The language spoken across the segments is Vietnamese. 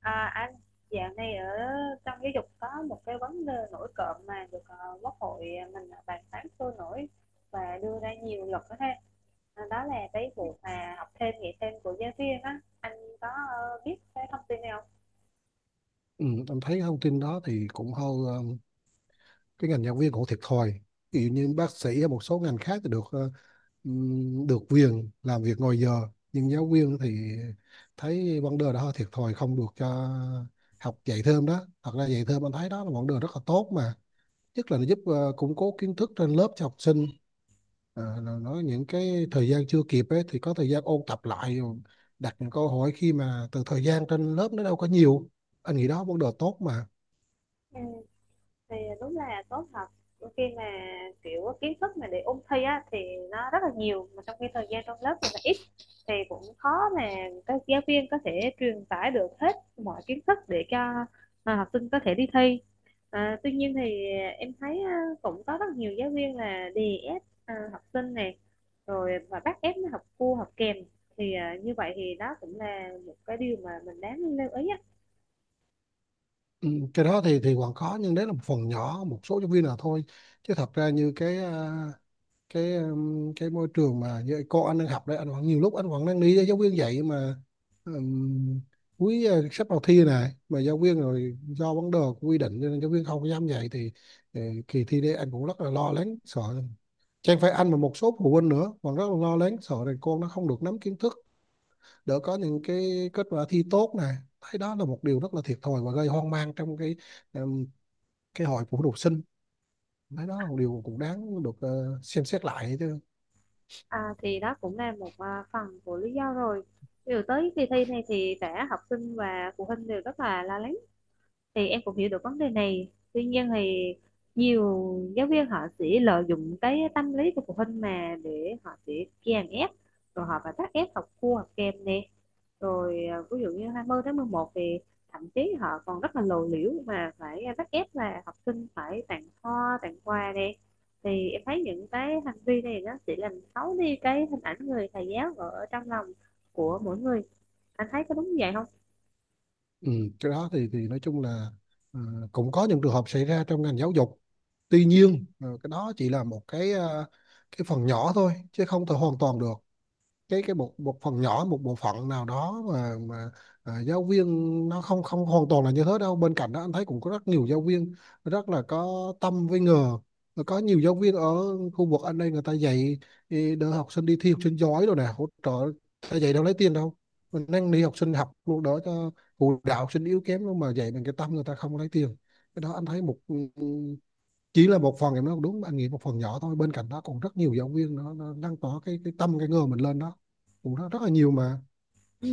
À, anh dạo này ở trong giáo dục có một cái vấn đề nổi cộm mà được quốc hội mình bàn tán sôi nổi và đưa ra nhiều luật đó ha. À, đó là cái vụ mà học thêm dạy thêm của giáo viên, á anh có biết cái thông tin này không? Ừ, em thấy thông tin đó thì cũng hơi cái ngành giáo viên cũng thiệt thòi, ví dụ như bác sĩ hay một số ngành khác thì được được quyền làm việc ngoài giờ, nhưng giáo viên thì thấy vấn đề đó hơi thiệt thòi, không được cho học dạy thêm đó. Thật ra dạy thêm anh thấy đó là vấn đề rất là tốt mà, nhất là nó giúp củng cố kiến thức trên lớp cho học sinh. Ờ, là nói những cái thời gian chưa kịp ấy, thì có thời gian ôn tập lại, đặt những câu hỏi khi mà từ thời gian trên lớp nó đâu có nhiều. Anh nghĩ đó vấn đề tốt mà. Ừ, thì đúng là tốt thật. Đôi khi mà kiểu kiến thức mà để ôn thi á thì nó rất là nhiều, mà trong khi thời gian trong lớp thì nó ít, thì cũng khó mà các giáo viên có thể truyền tải được hết mọi kiến thức để cho học sinh có thể đi thi. À, tuy nhiên thì em thấy cũng có rất nhiều giáo viên là đè ép học sinh này rồi và bắt ép nó học cua học kèm, thì như vậy thì đó cũng là một cái điều mà mình đáng lưu ý á. Ừ, cái đó thì còn có, nhưng đấy là một phần nhỏ, một số giáo viên là thôi, chứ thật ra như cái môi trường mà như cô anh đang học đấy, anh vẫn nhiều lúc anh vẫn đang đi với giáo viên dạy mà. ừm, sắp vào thi này mà giáo viên rồi do vấn đề của quy định cho nên giáo viên không dám dạy thì ờ, kỳ thi đấy anh cũng rất là lo lắng sợ, chẳng phải anh mà một số phụ huynh nữa còn rất là lo lắng, sợ rằng con nó không được nắm kiến thức, đỡ có những cái kết quả thi tốt này. Thấy đó là một điều rất là thiệt thòi và gây hoang mang trong em, cái hội phụ học sinh. Thấy đó là một điều cũng đáng được xem xét lại chứ. À, thì đó cũng là một phần của lý do rồi. Điều tới kỳ thi này thì cả học sinh và phụ huynh đều rất là lo lắng, thì em cũng hiểu được vấn đề này. Tuy nhiên thì nhiều giáo viên họ sẽ lợi dụng cái tâm lý của phụ huynh mà để họ sẽ kèm ép, rồi họ phải bắt ép học cua học kèm nè. Rồi ví dụ như 20 tháng 11 thì thậm chí họ còn rất là lộ liễu mà phải bắt ép là học sinh phải tặng hoa, tặng quà nè. Thì em thấy những cái hành vi này nó chỉ làm xấu đi cái hình ảnh người thầy giáo ở trong lòng của mỗi người. Anh thấy có đúng như vậy không? Ừ, cái đó thì nói chung là ờ, cũng có những trường hợp xảy ra trong ngành giáo dục, tuy nhiên cái đó chỉ là một cái phần nhỏ thôi, chứ không thể hoàn toàn được. Cái một một phần nhỏ, một bộ phận nào đó mà giáo viên nó không không hoàn toàn là như thế đâu. Bên cạnh đó anh thấy cũng có rất nhiều giáo viên rất là có tâm với nghề. Rồi có nhiều giáo viên ở khu vực anh đây người ta dạy ý, đỡ học sinh đi thi học sinh giỏi rồi nè, hỗ trợ, ta dạy đâu lấy tiền đâu, mình đang đi học sinh học luôn đỡ cho, phụ đạo học sinh yếu kém luôn mà dạy bằng cái tâm, người ta không lấy tiền. Cái đó anh thấy một, chỉ là một phần, em nói đúng, anh nghĩ một phần nhỏ thôi, bên cạnh đó còn rất nhiều giáo viên nó lan tỏa cái tâm cái ngờ mình lên đó cũng rất, rất là nhiều mà. Ừ,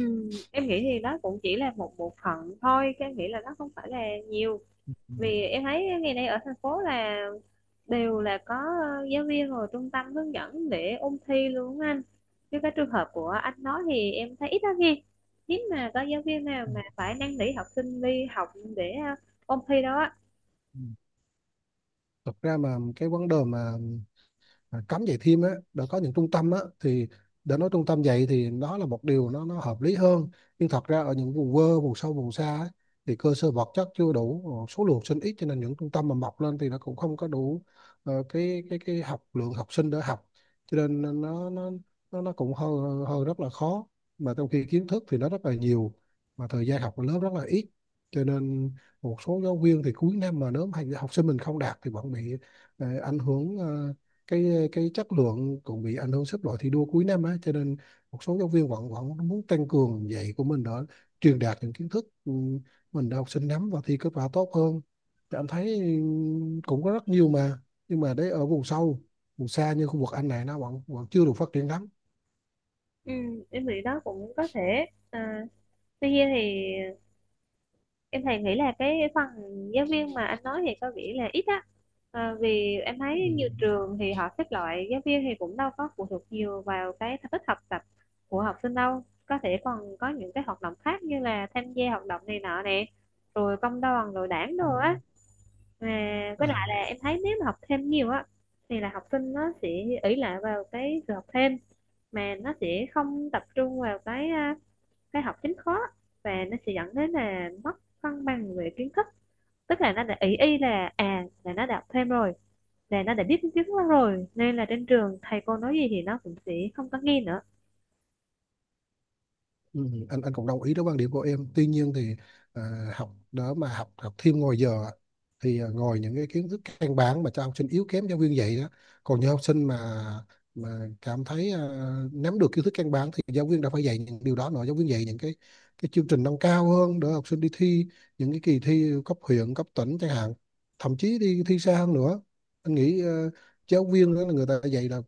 em nghĩ thì đó cũng chỉ là một bộ phận thôi, cái nghĩ là nó không phải là nhiều. Ừ. Vì em thấy ngày nay ở thành phố là đều là có giáo viên rồi trung tâm hướng dẫn để ôn thi luôn á anh, chứ cái trường hợp của anh nói thì em thấy ít lắm nghe, hiếm mà có giáo viên nào Ừ. mà phải năn nỉ học sinh đi học để ôn thi đâu á. Thật ra mà cái vấn đề mà cấm dạy thêm á, đã có những trung tâm á thì để nói trung tâm dạy thì đó là một điều nó hợp lý hơn, nhưng thật ra ở những vùng quê vùng sâu vùng xa á, thì cơ sở vật chất chưa đủ, số lượng sinh ít cho nên những trung tâm mà mọc lên thì nó cũng không có đủ cái học lượng học sinh để học, cho nên nó nó cũng hơi, hơi rất là khó, mà trong khi kiến thức thì nó rất là nhiều, mà thời gian học của lớp rất là ít, cho nên một số giáo viên thì cuối năm mà nếu mà học sinh mình không đạt thì vẫn bị ảnh hưởng, cái chất lượng cũng bị ảnh hưởng, xếp loại thi đua cuối năm á, cho nên một số giáo viên vẫn vẫn muốn tăng cường dạy của mình để truyền đạt những kiến thức mình để học sinh nắm và thi kết quả tốt hơn. Thì anh thấy cũng có rất nhiều mà, nhưng mà đấy ở vùng sâu vùng xa như khu vực anh này nó vẫn vẫn chưa được phát triển lắm. Ừ, em nghĩ đó cũng có thể. À, tuy nhiên thì em thì nghĩ là cái phần giáo viên mà anh nói thì có vẻ là ít á. À, vì em Ừ. thấy nhiều trường thì họ xếp loại giáo viên thì cũng đâu có phụ thuộc nhiều vào cái thành tích học tập của học sinh đâu, có thể còn có những cái hoạt động khác như là tham gia hoạt động này nọ nè, rồi công đoàn rồi đảng Ừ. Ừ. đồ á. Mà với lại À. là em thấy nếu mà học thêm nhiều á thì là học sinh nó sẽ ỷ lại vào cái sự học thêm mà nó sẽ không tập trung vào cái cái học chính khó, và nó sẽ dẫn đến là mất cân bằng về kiến thức. Tức là nó đã ý y là là nó đọc thêm rồi, là nó đã biết tiếng đó rồi nên là trên trường thầy cô nói gì thì nó cũng sẽ không có nghe nữa. Ừ, anh cũng đồng ý với quan điểm của em, tuy nhiên thì à, học đó mà học học thêm ngoài giờ á, thì ngồi những cái kiến thức căn bản mà cho học sinh yếu kém giáo viên dạy đó, còn những học sinh mà cảm thấy nắm được kiến thức căn bản thì giáo viên đã phải dạy những điều đó nữa, giáo viên dạy những cái chương trình nâng cao hơn để học sinh đi thi những cái kỳ thi cấp huyện cấp tỉnh chẳng hạn, thậm chí đi thi xa hơn nữa. Anh nghĩ giáo viên đó là người ta dạy là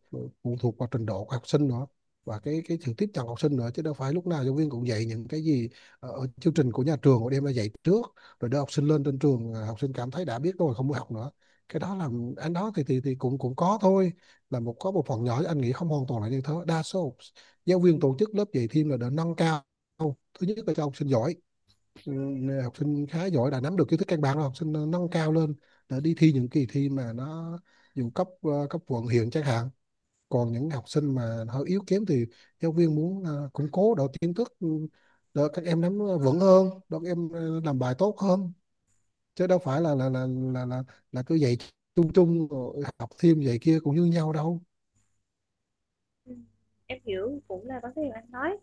phụ thuộc vào trình độ của học sinh nữa, và cái sự tiếp cận học sinh nữa, chứ đâu phải lúc nào giáo viên cũng dạy những cái gì ở chương trình của nhà trường họ đem ra dạy trước, rồi đưa học sinh lên trên trường, học sinh cảm thấy đã biết rồi không muốn học nữa. Cái đó là anh đó thì cũng cũng có thôi, là một, có một phần nhỏ, anh nghĩ không hoàn toàn là như thế, đa số giáo viên tổ chức lớp dạy thêm là để nâng cao, thứ nhất là cho học sinh giỏi, ừ, học sinh khá giỏi đã nắm được kiến thức căn bản rồi học sinh nâng cao lên để đi thi những kỳ thi mà nó dù cấp cấp quận huyện chẳng hạn. Còn những học sinh mà hơi yếu kém thì giáo viên muốn củng cố độ kiến thức để các em nắm vững hơn, để các em làm bài tốt hơn, chứ đâu phải là là là, là cứ dạy chung chung rồi học thêm dạy kia cũng như nhau đâu. Ừ, em hiểu cũng là vấn đề anh nói,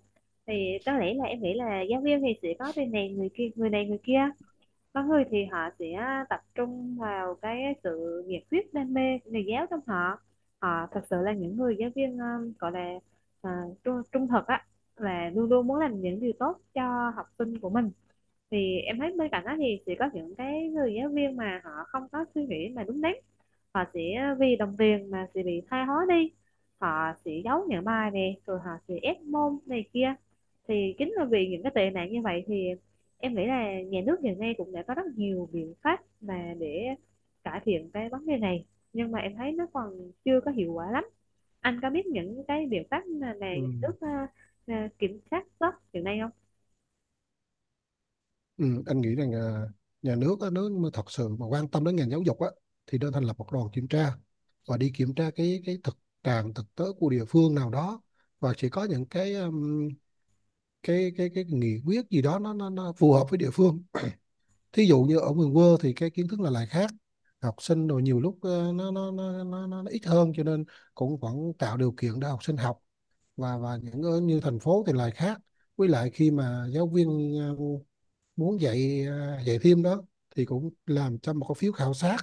thì có lẽ là em nghĩ là giáo viên thì sẽ có bên này người kia, người này người kia. Có người thì họ sẽ tập trung vào cái sự nhiệt huyết đam mê của nghề giáo trong họ, họ thật sự là những người giáo viên gọi là, à, trung thực á, là luôn luôn muốn làm những điều tốt cho học sinh của mình. Thì em thấy bên cạnh đó thì sẽ có những cái người giáo viên mà họ không có suy nghĩ mà đúng đắn, họ sẽ vì đồng tiền mà sẽ bị thoái hóa đi, họ sẽ giấu những bài nè rồi họ sẽ ép môn này kia. Thì chính là vì những cái tệ nạn như vậy thì em nghĩ là nhà nước hiện nay cũng đã có rất nhiều biện pháp mà để cải thiện cái vấn đề này, nhưng mà em thấy nó còn chưa có hiệu quả lắm. Anh có biết những cái biện pháp mà Ừ. nhà nước kiểm soát tốt hiện nay không? Ừ, anh nghĩ rằng nhà nước á, nếu mà thật sự mà quan tâm đến ngành giáo dục á thì nên thành lập một đoàn kiểm tra và đi kiểm tra cái thực trạng thực tế của địa phương nào đó, và chỉ có những cái nghị quyết gì đó nó phù hợp với địa phương. Thí dụ như ở miền quê thì cái kiến thức là lại khác, học sinh rồi nhiều lúc nó ít hơn, cho nên cũng vẫn tạo điều kiện để học sinh học. Và những ở như thành phố thì lại khác. Với lại khi mà giáo viên muốn dạy dạy thêm đó thì cũng làm cho một cái phiếu khảo sát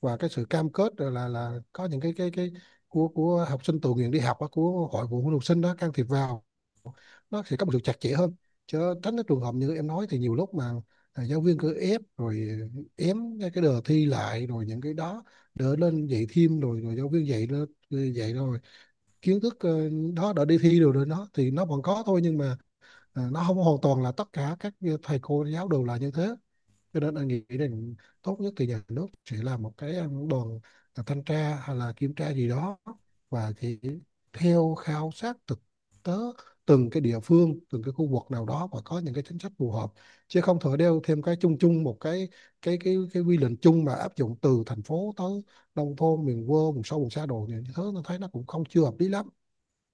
và cái sự cam kết, rồi là có những cái của học sinh tự nguyện đi học á, của hội phụ huynh học sinh đó can thiệp vào, nó sẽ có một sự chặt chẽ hơn, chứ tránh cái trường hợp như em nói thì nhiều lúc mà giáo viên cứ ép rồi ém cái đề thi lại, rồi những cái đó đỡ lên dạy thêm, rồi rồi giáo viên dạy, lên dạy rồi kiến thức đó đã đi thi rồi, rồi nó thì nó vẫn có thôi, nhưng mà à, nó không hoàn toàn là tất cả các thầy cô giáo đều là như thế. Cho nên anh nghĩ rằng tốt nhất thì nhà nước sẽ là một cái đoàn thanh tra hay là kiểm tra gì đó, và chỉ theo khảo sát thực tế từng cái địa phương, từng cái khu vực nào đó, và có những cái chính sách phù hợp, chứ không thể đeo thêm cái chung chung một cái cái quy định chung mà áp dụng từ thành phố tới nông thôn, miền quê, vùng sâu vùng xa đồ như thế, nó thấy nó cũng không, chưa hợp lý lắm.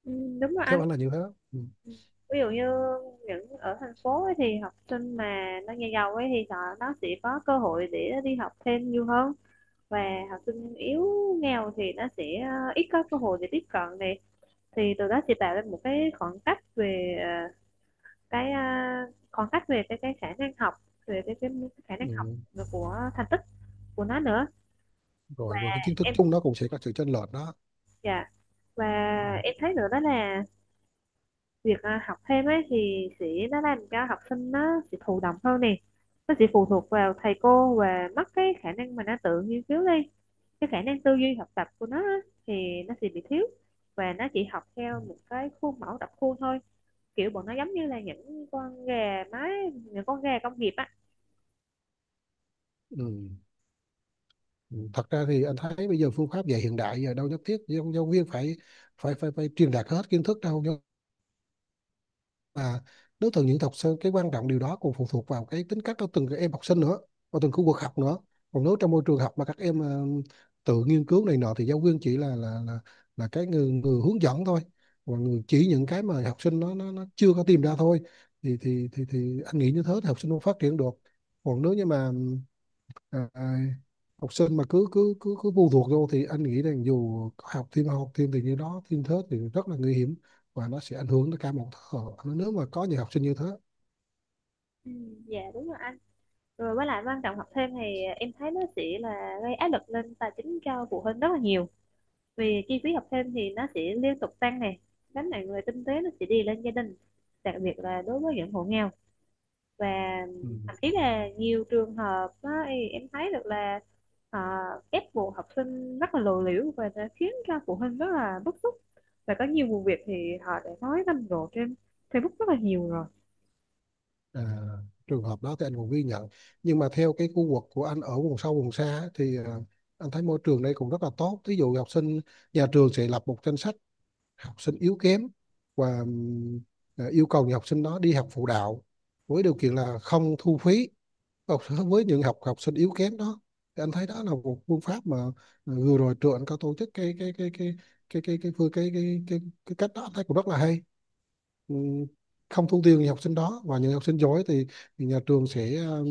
Ừ, đúng rồi Theo anh. anh là như thế. Ừ. Ừ, ví dụ như những ở thành phố ấy thì học sinh mà nó nhà giàu ấy thì họ nó sẽ có cơ hội để đi học thêm nhiều hơn, và học sinh yếu nghèo thì nó sẽ ít có cơ hội để tiếp cận này. Thì từ đó sẽ tạo ra một cái khoảng cách về cái khoảng cách về cái khả năng học, về cái khả năng học Ừ. của thành tích của nó nữa. Và Rồi rồi cái kiến thức em, chung nó cũng sẽ có sự chênh lệch đó. dạ, và Ừ. em thấy nữa đó là việc học thêm ấy thì sẽ nó làm cho học sinh nó sẽ thụ động hơn nè, nó sẽ phụ thuộc vào thầy cô và mất cái khả năng mà nó tự nghiên cứu đi. Cái khả năng tư duy học tập của nó á, thì nó sẽ bị thiếu, và nó chỉ học theo một cái khuôn mẫu đọc khuôn thôi, kiểu bọn nó giống như là những con gà mái, những con gà công nghiệp á. Ừ. Ừ. Thật ra thì anh thấy bây giờ phương pháp dạy hiện đại giờ đâu nhất thiết giáo, giáo viên phải phải truyền đạt hết kiến thức đâu, nhưng mà đối tượng những học sinh, cái quan trọng điều đó còn phụ thuộc vào cái tính cách của từng cái em học sinh nữa, và từng khu vực học nữa. Còn nếu trong môi trường học mà các em tự nghiên cứu này nọ thì giáo viên chỉ là cái người, người hướng dẫn thôi, và người chỉ những cái mà học sinh nó chưa có tìm ra thôi, thì thì anh nghĩ như thế thì học sinh không phát triển được. Còn nếu như mà à, học sinh mà cứ cứ cứ cứ phụ thuộc vô thì anh nghĩ rằng dù có học thêm học thêm, thì như đó thêm thớt thì rất là nguy hiểm, và nó sẽ ảnh hưởng tới cả một thế hệ. Nếu mà có những học sinh như thế. Ừ, dạ đúng rồi anh. Rồi với lại quan trọng học thêm thì em thấy nó sẽ là gây áp lực lên tài chính cho phụ huynh rất là nhiều, vì chi phí học thêm thì nó sẽ liên tục tăng này, gánh nặng về kinh tế nó sẽ đi lên gia đình, đặc biệt là đối với những hộ nghèo. Và Ừ. thậm chí là nhiều trường hợp á, thì em thấy được là họ ép buộc học sinh rất là lộ liễu và đã khiến cho phụ huynh rất là bức xúc. Và có nhiều vụ việc thì họ đã nói rầm rộ trên Facebook rất là nhiều rồi. À, trường hợp đó thì anh cũng ghi nhận, nhưng mà theo cái khu vực của anh ở vùng sâu vùng xa á, thì anh thấy môi trường đây cũng rất là tốt. Ví dụ học sinh, nhà trường sẽ lập một danh sách học sinh yếu kém, và yêu cầu những học sinh đó đi học phụ đạo với điều kiện là không thu phí. Học, với những học học sinh yếu kém đó, thì anh thấy đó là một phương pháp mà vừa rồi trường anh có tổ chức cái phương cái cách đó anh thấy cũng rất là hay. Ừ, không thu tiền những học sinh đó, và những học sinh giỏi thì nhà trường sẽ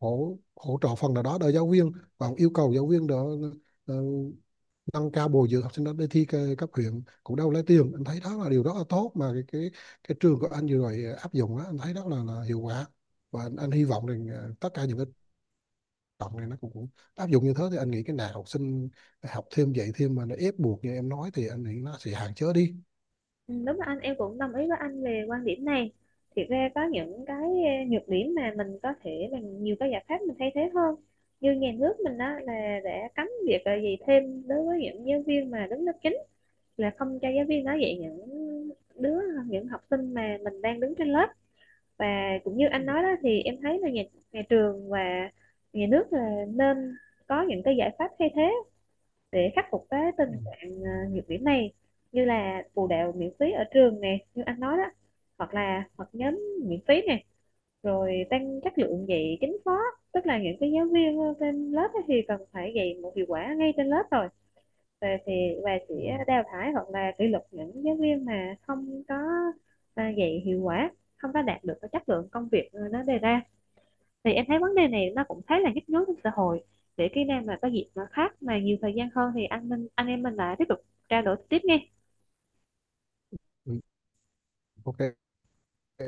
hỗ hỗ trợ phần nào đó để giáo viên, và yêu cầu giáo viên đó ờ, nâng cao bồi dưỡng học sinh đó để thi cấp huyện cũng đâu lấy tiền. Anh thấy đó là điều rất là tốt mà cái trường của anh vừa rồi áp dụng đó anh thấy đó là hiệu quả. Và anh hy vọng rằng tất cả những cái cộng này nó cũng, cũng áp dụng như thế, thì anh nghĩ cái nào học sinh học thêm dạy thêm mà nó ép buộc như em nói thì anh nghĩ nó sẽ hạn chế đi. Ừ, đúng là anh em cũng đồng ý với anh về quan điểm này. Thì ra có những cái nhược điểm mà mình có thể bằng nhiều cái giải pháp mình thay thế hơn, như nhà nước mình đó là đã cấm việc dạy thêm đối với những giáo viên mà đứng lớp chính, là không cho giáo viên nói dạy những đứa những học sinh mà mình đang đứng trên lớp. Và cũng như anh nói đó thì em thấy là nhà trường và nhà nước là nên có những cái giải pháp thay thế để khắc phục cái Ừ. tình trạng nhược điểm này. Như là phụ đạo miễn phí ở trường nè như anh nói đó, hoặc là hoặc nhóm miễn phí nè, rồi tăng chất lượng dạy chính khóa, tức là những cái giáo viên trên lớp ấy thì cần phải dạy một hiệu quả ngay trên lớp rồi. Và thì và Ừ. sẽ đào thải hoặc là kỷ luật những giáo viên mà không có dạy hiệu quả, không có đạt được cái chất lượng công việc nó đề ra. Thì em thấy vấn đề này nó cũng khá là nhức nhối trong xã hội. Để khi nào mà có dịp mà khác mà nhiều thời gian hơn thì anh minh anh em mình lại tiếp tục trao đổi tiếp nghe. Ừ. Ok.